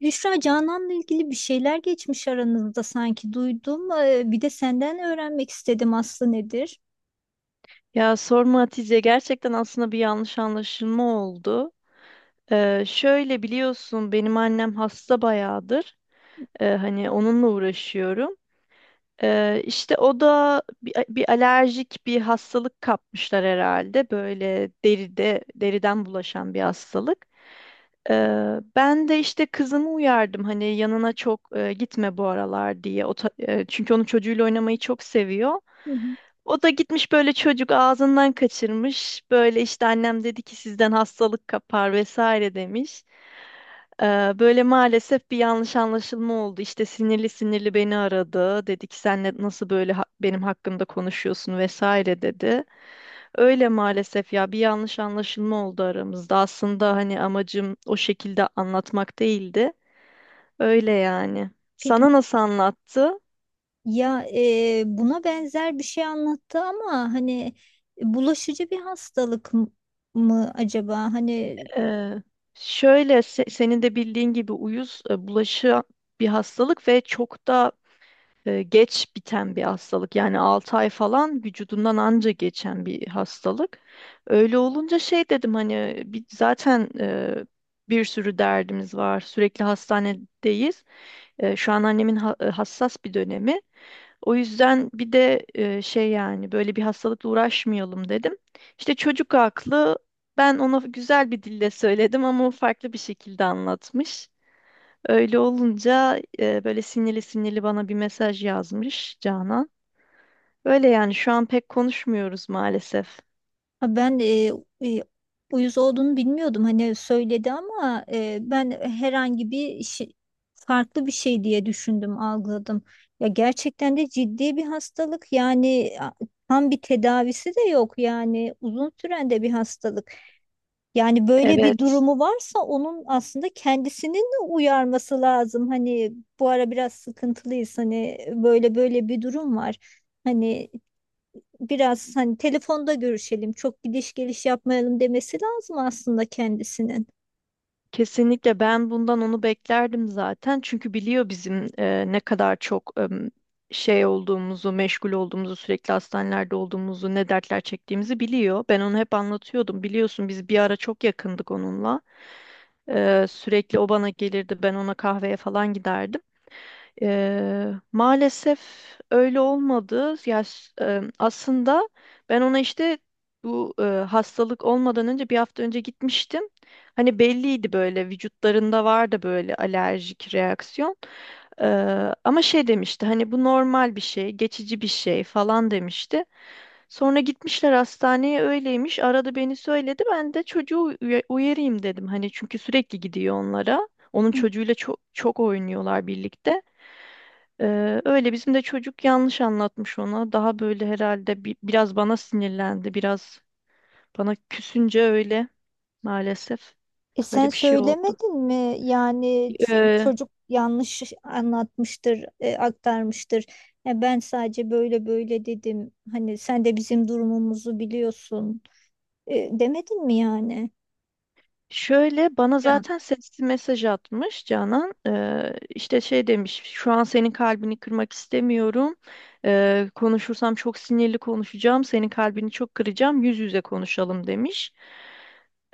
Büşra Canan'la ilgili bir şeyler geçmiş aranızda sanki duydum. Bir de senden öğrenmek istedim aslı nedir? Ya sorma Hatice, gerçekten aslında bir yanlış anlaşılma oldu. Şöyle biliyorsun, benim annem hasta bayağıdır. Hani onunla uğraşıyorum. İşte o da bir alerjik bir hastalık kapmışlar herhalde. Böyle deride, deriden bulaşan bir hastalık. Ben de işte kızımı uyardım, hani yanına çok gitme bu aralar diye. Çünkü onun çocuğuyla oynamayı çok seviyor. Hı hı. O da gitmiş, böyle çocuk ağzından kaçırmış. Böyle işte annem dedi ki sizden hastalık kapar vesaire demiş. Böyle maalesef bir yanlış anlaşılma oldu. İşte sinirli sinirli beni aradı. Dedi ki sen nasıl böyle benim hakkımda konuşuyorsun vesaire dedi. Öyle maalesef ya, bir yanlış anlaşılma oldu aramızda. Aslında hani amacım o şekilde anlatmak değildi. Öyle yani. Peki Sana nasıl anlattı? ya buna benzer bir şey anlattı ama hani bulaşıcı bir hastalık mı acaba? Hani Ee, şöyle senin de bildiğin gibi uyuz bulaşı bir hastalık ve çok da geç biten bir hastalık. Yani 6 ay falan vücudundan anca geçen bir hastalık. Öyle olunca şey dedim, hani bir, zaten bir sürü derdimiz var. Sürekli hastanedeyiz. E, şu an annemin hassas bir dönemi. O yüzden bir de şey, yani böyle bir hastalıkla uğraşmayalım dedim. İşte çocuk aklı, ben ona güzel bir dille söyledim ama o farklı bir şekilde anlatmış. Öyle olunca böyle sinirli sinirli bana bir mesaj yazmış Canan. Öyle yani, şu an pek konuşmuyoruz maalesef. ha, ben e, uyuz olduğunu bilmiyordum. Hani söyledi ama ben herhangi bir şey, farklı bir şey diye düşündüm, algıladım. Ya gerçekten de ciddi bir hastalık. Tam bir tedavisi de yok. Yani uzun süren de bir hastalık. Yani böyle bir Evet. durumu varsa onun aslında kendisinin de uyarması lazım. Hani bu ara biraz sıkıntılıyız. Hani böyle böyle bir durum var. Hani biraz hani telefonda görüşelim, çok gidiş geliş yapmayalım demesi lazım aslında kendisinin. Kesinlikle, ben bundan onu beklerdim zaten. Çünkü biliyor bizim ne kadar çok şey olduğumuzu, meşgul olduğumuzu, sürekli hastanelerde olduğumuzu, ne dertler çektiğimizi biliyor. Ben onu hep anlatıyordum. Biliyorsun biz bir ara çok yakındık onunla. Sürekli o bana gelirdi, ben ona kahveye falan giderdim. Maalesef öyle olmadı. Aslında ben ona işte bu hastalık olmadan önce, bir hafta önce gitmiştim. Hani belliydi, böyle vücutlarında vardı böyle alerjik reaksiyon. Ama şey demişti, hani bu normal bir şey, geçici bir şey falan demişti. Sonra gitmişler hastaneye, öyleymiş. Aradı beni, söyledi. Ben de çocuğu uyarayım dedim. Hani çünkü sürekli gidiyor onlara. Onun Hı. çocuğuyla çok çok oynuyorlar birlikte. Öyle bizim de çocuk yanlış anlatmış ona. Daha böyle herhalde biraz bana sinirlendi. Biraz bana küsünce öyle maalesef E sen böyle bir şey oldu. söylemedin mi? Yani Ee, çocuk yanlış anlatmıştır, aktarmıştır. Ya ben sadece böyle böyle dedim. Hani sen de bizim durumumuzu biliyorsun. E, demedin mi yani? şöyle bana Can, zaten sesli mesaj atmış Canan. İşte şey demiş, şu an senin kalbini kırmak istemiyorum. Konuşursam çok sinirli konuşacağım. Senin kalbini çok kıracağım. Yüz yüze konuşalım demiş.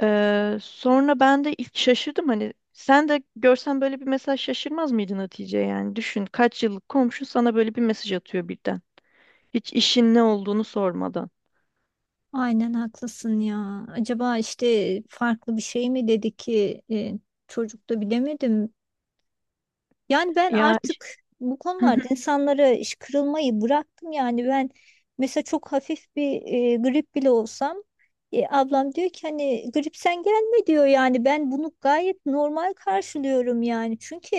Sonra ben de ilk şaşırdım, hani sen de görsen böyle bir mesaj şaşırmaz mıydın Hatice? Yani düşün, kaç yıllık komşu sana böyle bir mesaj atıyor birden, hiç işin ne olduğunu sormadan aynen haklısın ya. Acaba işte farklı bir şey mi dedi ki çocuk da bilemedim. Yani ben ya. artık bu konularda insanlara iş kırılmayı bıraktım. Yani ben mesela çok hafif bir grip bile olsam ablam diyor ki hani grip sen gelme diyor, yani ben bunu gayet normal karşılıyorum yani. Çünkü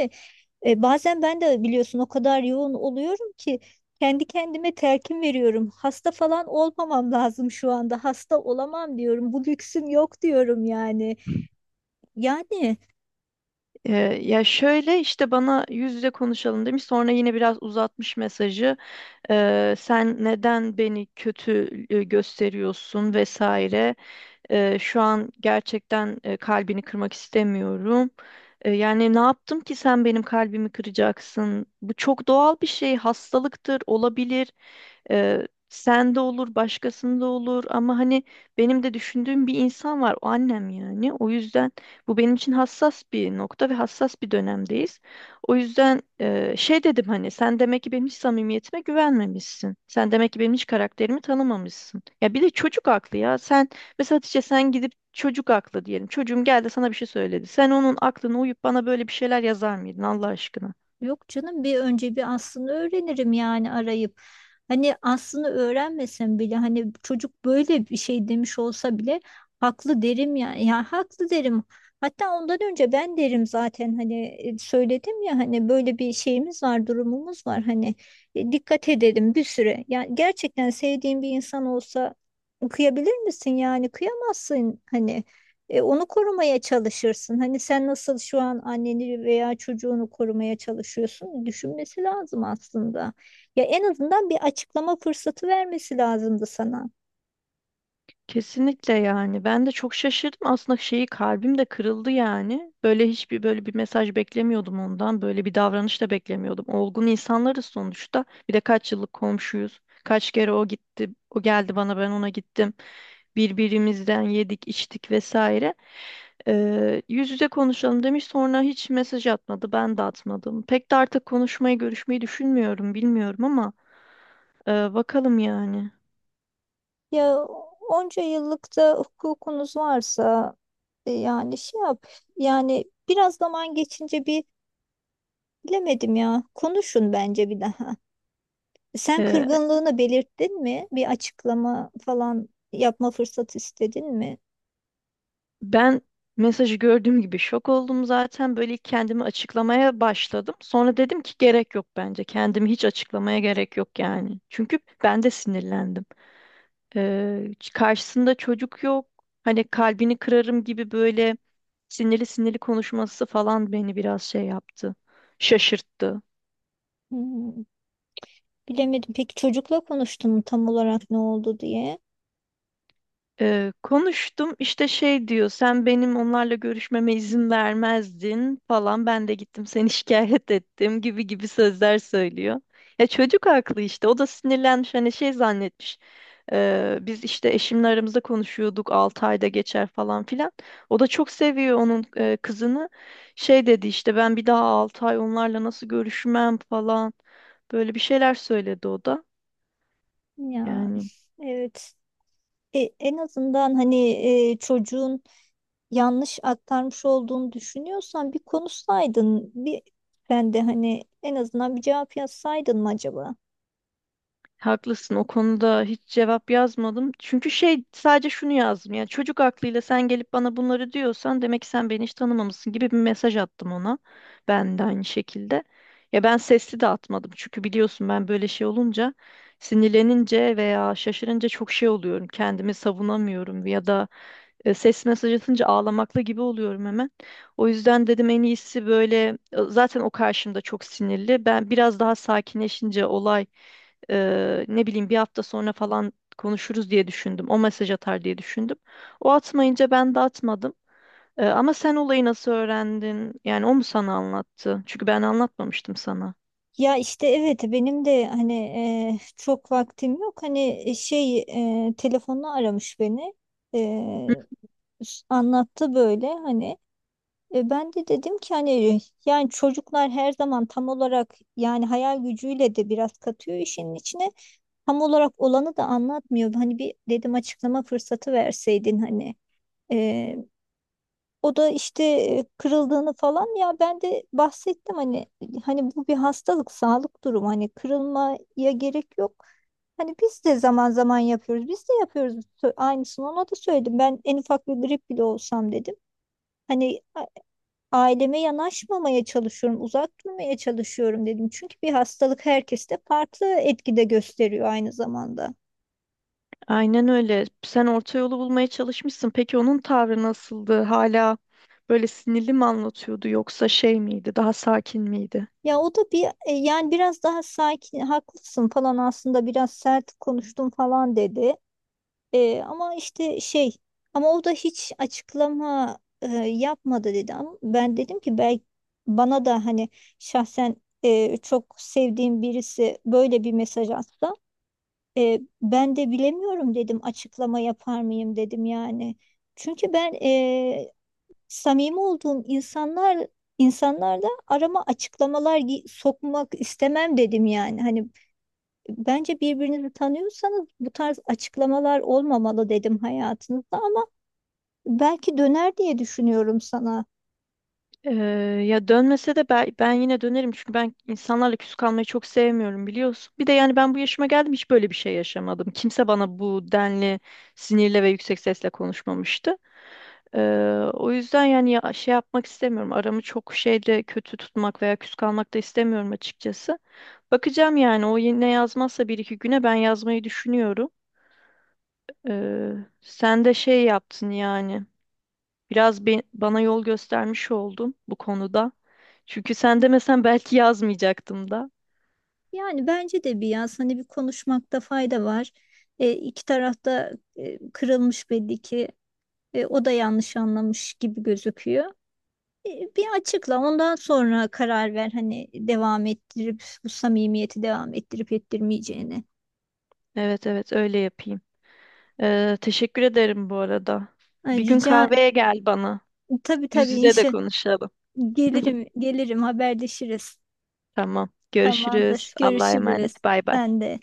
bazen ben de biliyorsun o kadar yoğun oluyorum ki kendi kendime telkin veriyorum. Hasta falan olmamam lazım, şu anda hasta olamam diyorum, bu lüksüm yok diyorum yani. Yani. Ee, şöyle işte bana yüz yüze konuşalım demiş, sonra yine biraz uzatmış mesajı. Sen neden beni kötü gösteriyorsun vesaire. Şu an gerçekten kalbini kırmak istemiyorum. E, yani ne yaptım ki sen benim kalbimi kıracaksın? Bu çok doğal bir şey, hastalıktır, olabilir. Sen de olur, başkasında olur, ama hani benim de düşündüğüm bir insan var, o annem yani. O yüzden bu benim için hassas bir nokta ve hassas bir dönemdeyiz. O yüzden şey dedim, hani sen demek ki benim hiç samimiyetime güvenmemişsin. Sen demek ki benim hiç karakterimi tanımamışsın. Ya bir de çocuk aklı ya. Sen mesela Hatice, sen gidip, çocuk aklı diyelim, çocuğum geldi sana bir şey söyledi, sen onun aklına uyup bana böyle bir şeyler yazar mıydın Allah aşkına? Yok canım bir önce bir aslını öğrenirim yani arayıp. Hani aslını öğrenmesem bile hani çocuk böyle bir şey demiş olsa bile haklı derim ya. Ya haklı derim. Hatta ondan önce ben derim zaten hani söyledim ya hani böyle bir şeyimiz var, durumumuz var hani dikkat edelim bir süre. Yani gerçekten sevdiğin bir insan olsa kıyabilir misin, yani kıyamazsın hani onu korumaya çalışırsın. Hani sen nasıl şu an anneni veya çocuğunu korumaya çalışıyorsun? Düşünmesi lazım aslında. Ya en azından bir açıklama fırsatı vermesi lazımdı sana. Kesinlikle, yani ben de çok şaşırdım aslında, şeyi, kalbim de kırıldı yani, böyle hiçbir, böyle bir mesaj beklemiyordum ondan, böyle bir davranış da beklemiyordum. Olgun insanlarız sonuçta, bir de kaç yıllık komşuyuz, kaç kere o gitti, o geldi bana, ben ona gittim, birbirimizden yedik içtik vesaire. Yüz yüze konuşalım demiş, sonra hiç mesaj atmadı, ben de atmadım. Pek de artık konuşmayı, görüşmeyi düşünmüyorum, bilmiyorum ama bakalım yani. Ya onca yıllık da hukukunuz varsa yani şey yap. Yani biraz zaman geçince bir bilemedim ya. Konuşun bence bir daha. Sen kırgınlığını belirttin mi? Bir açıklama falan yapma fırsatı istedin mi? Ben mesajı gördüğüm gibi şok oldum zaten. Böyle ilk kendimi açıklamaya başladım. Sonra dedim ki gerek yok bence. Kendimi hiç açıklamaya gerek yok yani. Çünkü ben de sinirlendim. Karşısında çocuk yok. Hani kalbini kırarım gibi böyle sinirli sinirli konuşması falan beni biraz şey yaptı. Şaşırttı. Hmm. Bilemedim. Peki çocukla konuştun mu tam olarak ne oldu diye? Konuştum işte, şey diyor, sen benim onlarla görüşmeme izin vermezdin falan, ben de gittim seni şikayet ettim gibi gibi sözler söylüyor. Ya çocuk haklı işte, o da sinirlenmiş, hani şey zannetmiş. Biz işte eşimle aramızda konuşuyorduk 6 ayda geçer falan filan. O da çok seviyor onun kızını. Şey dedi işte ben bir daha 6 ay onlarla nasıl görüşmem falan, böyle bir şeyler söyledi o da Ya yani. evet. En azından hani çocuğun yanlış aktarmış olduğunu düşünüyorsan bir konuşsaydın. Bir ben de hani en azından bir cevap yazsaydın mı acaba? Haklısın, o konuda hiç cevap yazmadım. Çünkü şey, sadece şunu yazdım: ya çocuk aklıyla sen gelip bana bunları diyorsan demek ki sen beni hiç tanımamışsın gibi bir mesaj attım ona. Ben de aynı şekilde. Ya ben sesli de atmadım, çünkü biliyorsun ben böyle şey olunca, sinirlenince veya şaşırınca çok şey oluyorum. Kendimi savunamıyorum, ya da ses mesaj atınca ağlamakla gibi oluyorum hemen. O yüzden dedim en iyisi böyle, zaten o karşımda çok sinirli. Ben biraz daha sakinleşince olay, ne bileyim, bir hafta sonra falan konuşuruz diye düşündüm. O mesaj atar diye düşündüm. O atmayınca ben de atmadım. E, ama sen olayı nasıl öğrendin? Yani o mu sana anlattı? Çünkü ben anlatmamıştım sana. Ya işte evet, benim de hani çok vaktim yok. Hani şey telefonla aramış beni. E, Anlattı böyle hani. E ben de dedim ki hani yani çocuklar her zaman tam olarak yani hayal gücüyle de biraz katıyor işin içine. Tam olarak olanı da anlatmıyor. Hani bir dedim açıklama fırsatı verseydin hani. E, O da işte kırıldığını falan, ya ben de bahsettim hani hani bu bir hastalık sağlık durumu, hani kırılmaya gerek yok. Hani biz de zaman zaman yapıyoruz. Biz de yapıyoruz. Aynısını ona da söyledim. Ben en ufak bir grip bile olsam dedim. Hani aileme yanaşmamaya çalışıyorum, uzak durmaya çalışıyorum dedim. Çünkü bir hastalık herkeste farklı etkide gösteriyor aynı zamanda. Aynen öyle. Sen orta yolu bulmaya çalışmışsın. Peki onun tavrı nasıldı? Hala böyle sinirli mi anlatıyordu, yoksa şey miydi? Daha sakin miydi? Ya o da bir yani biraz daha sakin, haklısın falan, aslında biraz sert konuştum falan dedi. Ama işte şey, ama o da hiç açıklama yapmadı dedi. Ama ben dedim ki belki bana da hani şahsen çok sevdiğim birisi böyle bir mesaj atsa, ben de bilemiyorum dedim, açıklama yapar mıyım dedim yani. Çünkü ben samimi olduğum insanlarda arama açıklamalar sokmak istemem dedim yani. Hani bence birbirinizi tanıyorsanız bu tarz açıklamalar olmamalı dedim hayatınızda, ama belki döner diye düşünüyorum sana. Ee, ya dönmese de ben, ben yine dönerim, çünkü ben insanlarla küs kalmayı çok sevmiyorum biliyorsun. Bir de yani ben bu yaşıma geldim, hiç böyle bir şey yaşamadım. Kimse bana bu denli sinirle ve yüksek sesle konuşmamıştı. Ee, o yüzden yani ya, şey yapmak istemiyorum. Aramı çok şeyle kötü tutmak veya küs kalmak da istemiyorum açıkçası. Bakacağım yani, o yine yazmazsa bir iki güne ben yazmayı düşünüyorum. Ee, sen de şey yaptın yani. Biraz bana yol göstermiş oldun bu konuda. Çünkü sen demesen belki yazmayacaktım da. Yani bence de bir yaz, hani bir konuşmakta fayda var. İki tarafta kırılmış belli ki. O da yanlış anlamış gibi gözüküyor. E, Bir açıkla, ondan sonra karar ver hani devam ettirip bu samimiyeti devam ettirip ettirmeyeceğini. Evet, evet, öyle yapayım. Teşekkür ederim bu arada. Ay, Bir gün rica. kahveye gel bana. Tabii Yüz tabii, yüze de inşa, konuşalım. gelirim gelirim, haberleşiriz. Tamam. Tamamdır, Görüşürüz. Allah'a görüşürüz. emanet. Bay bay. Ben de.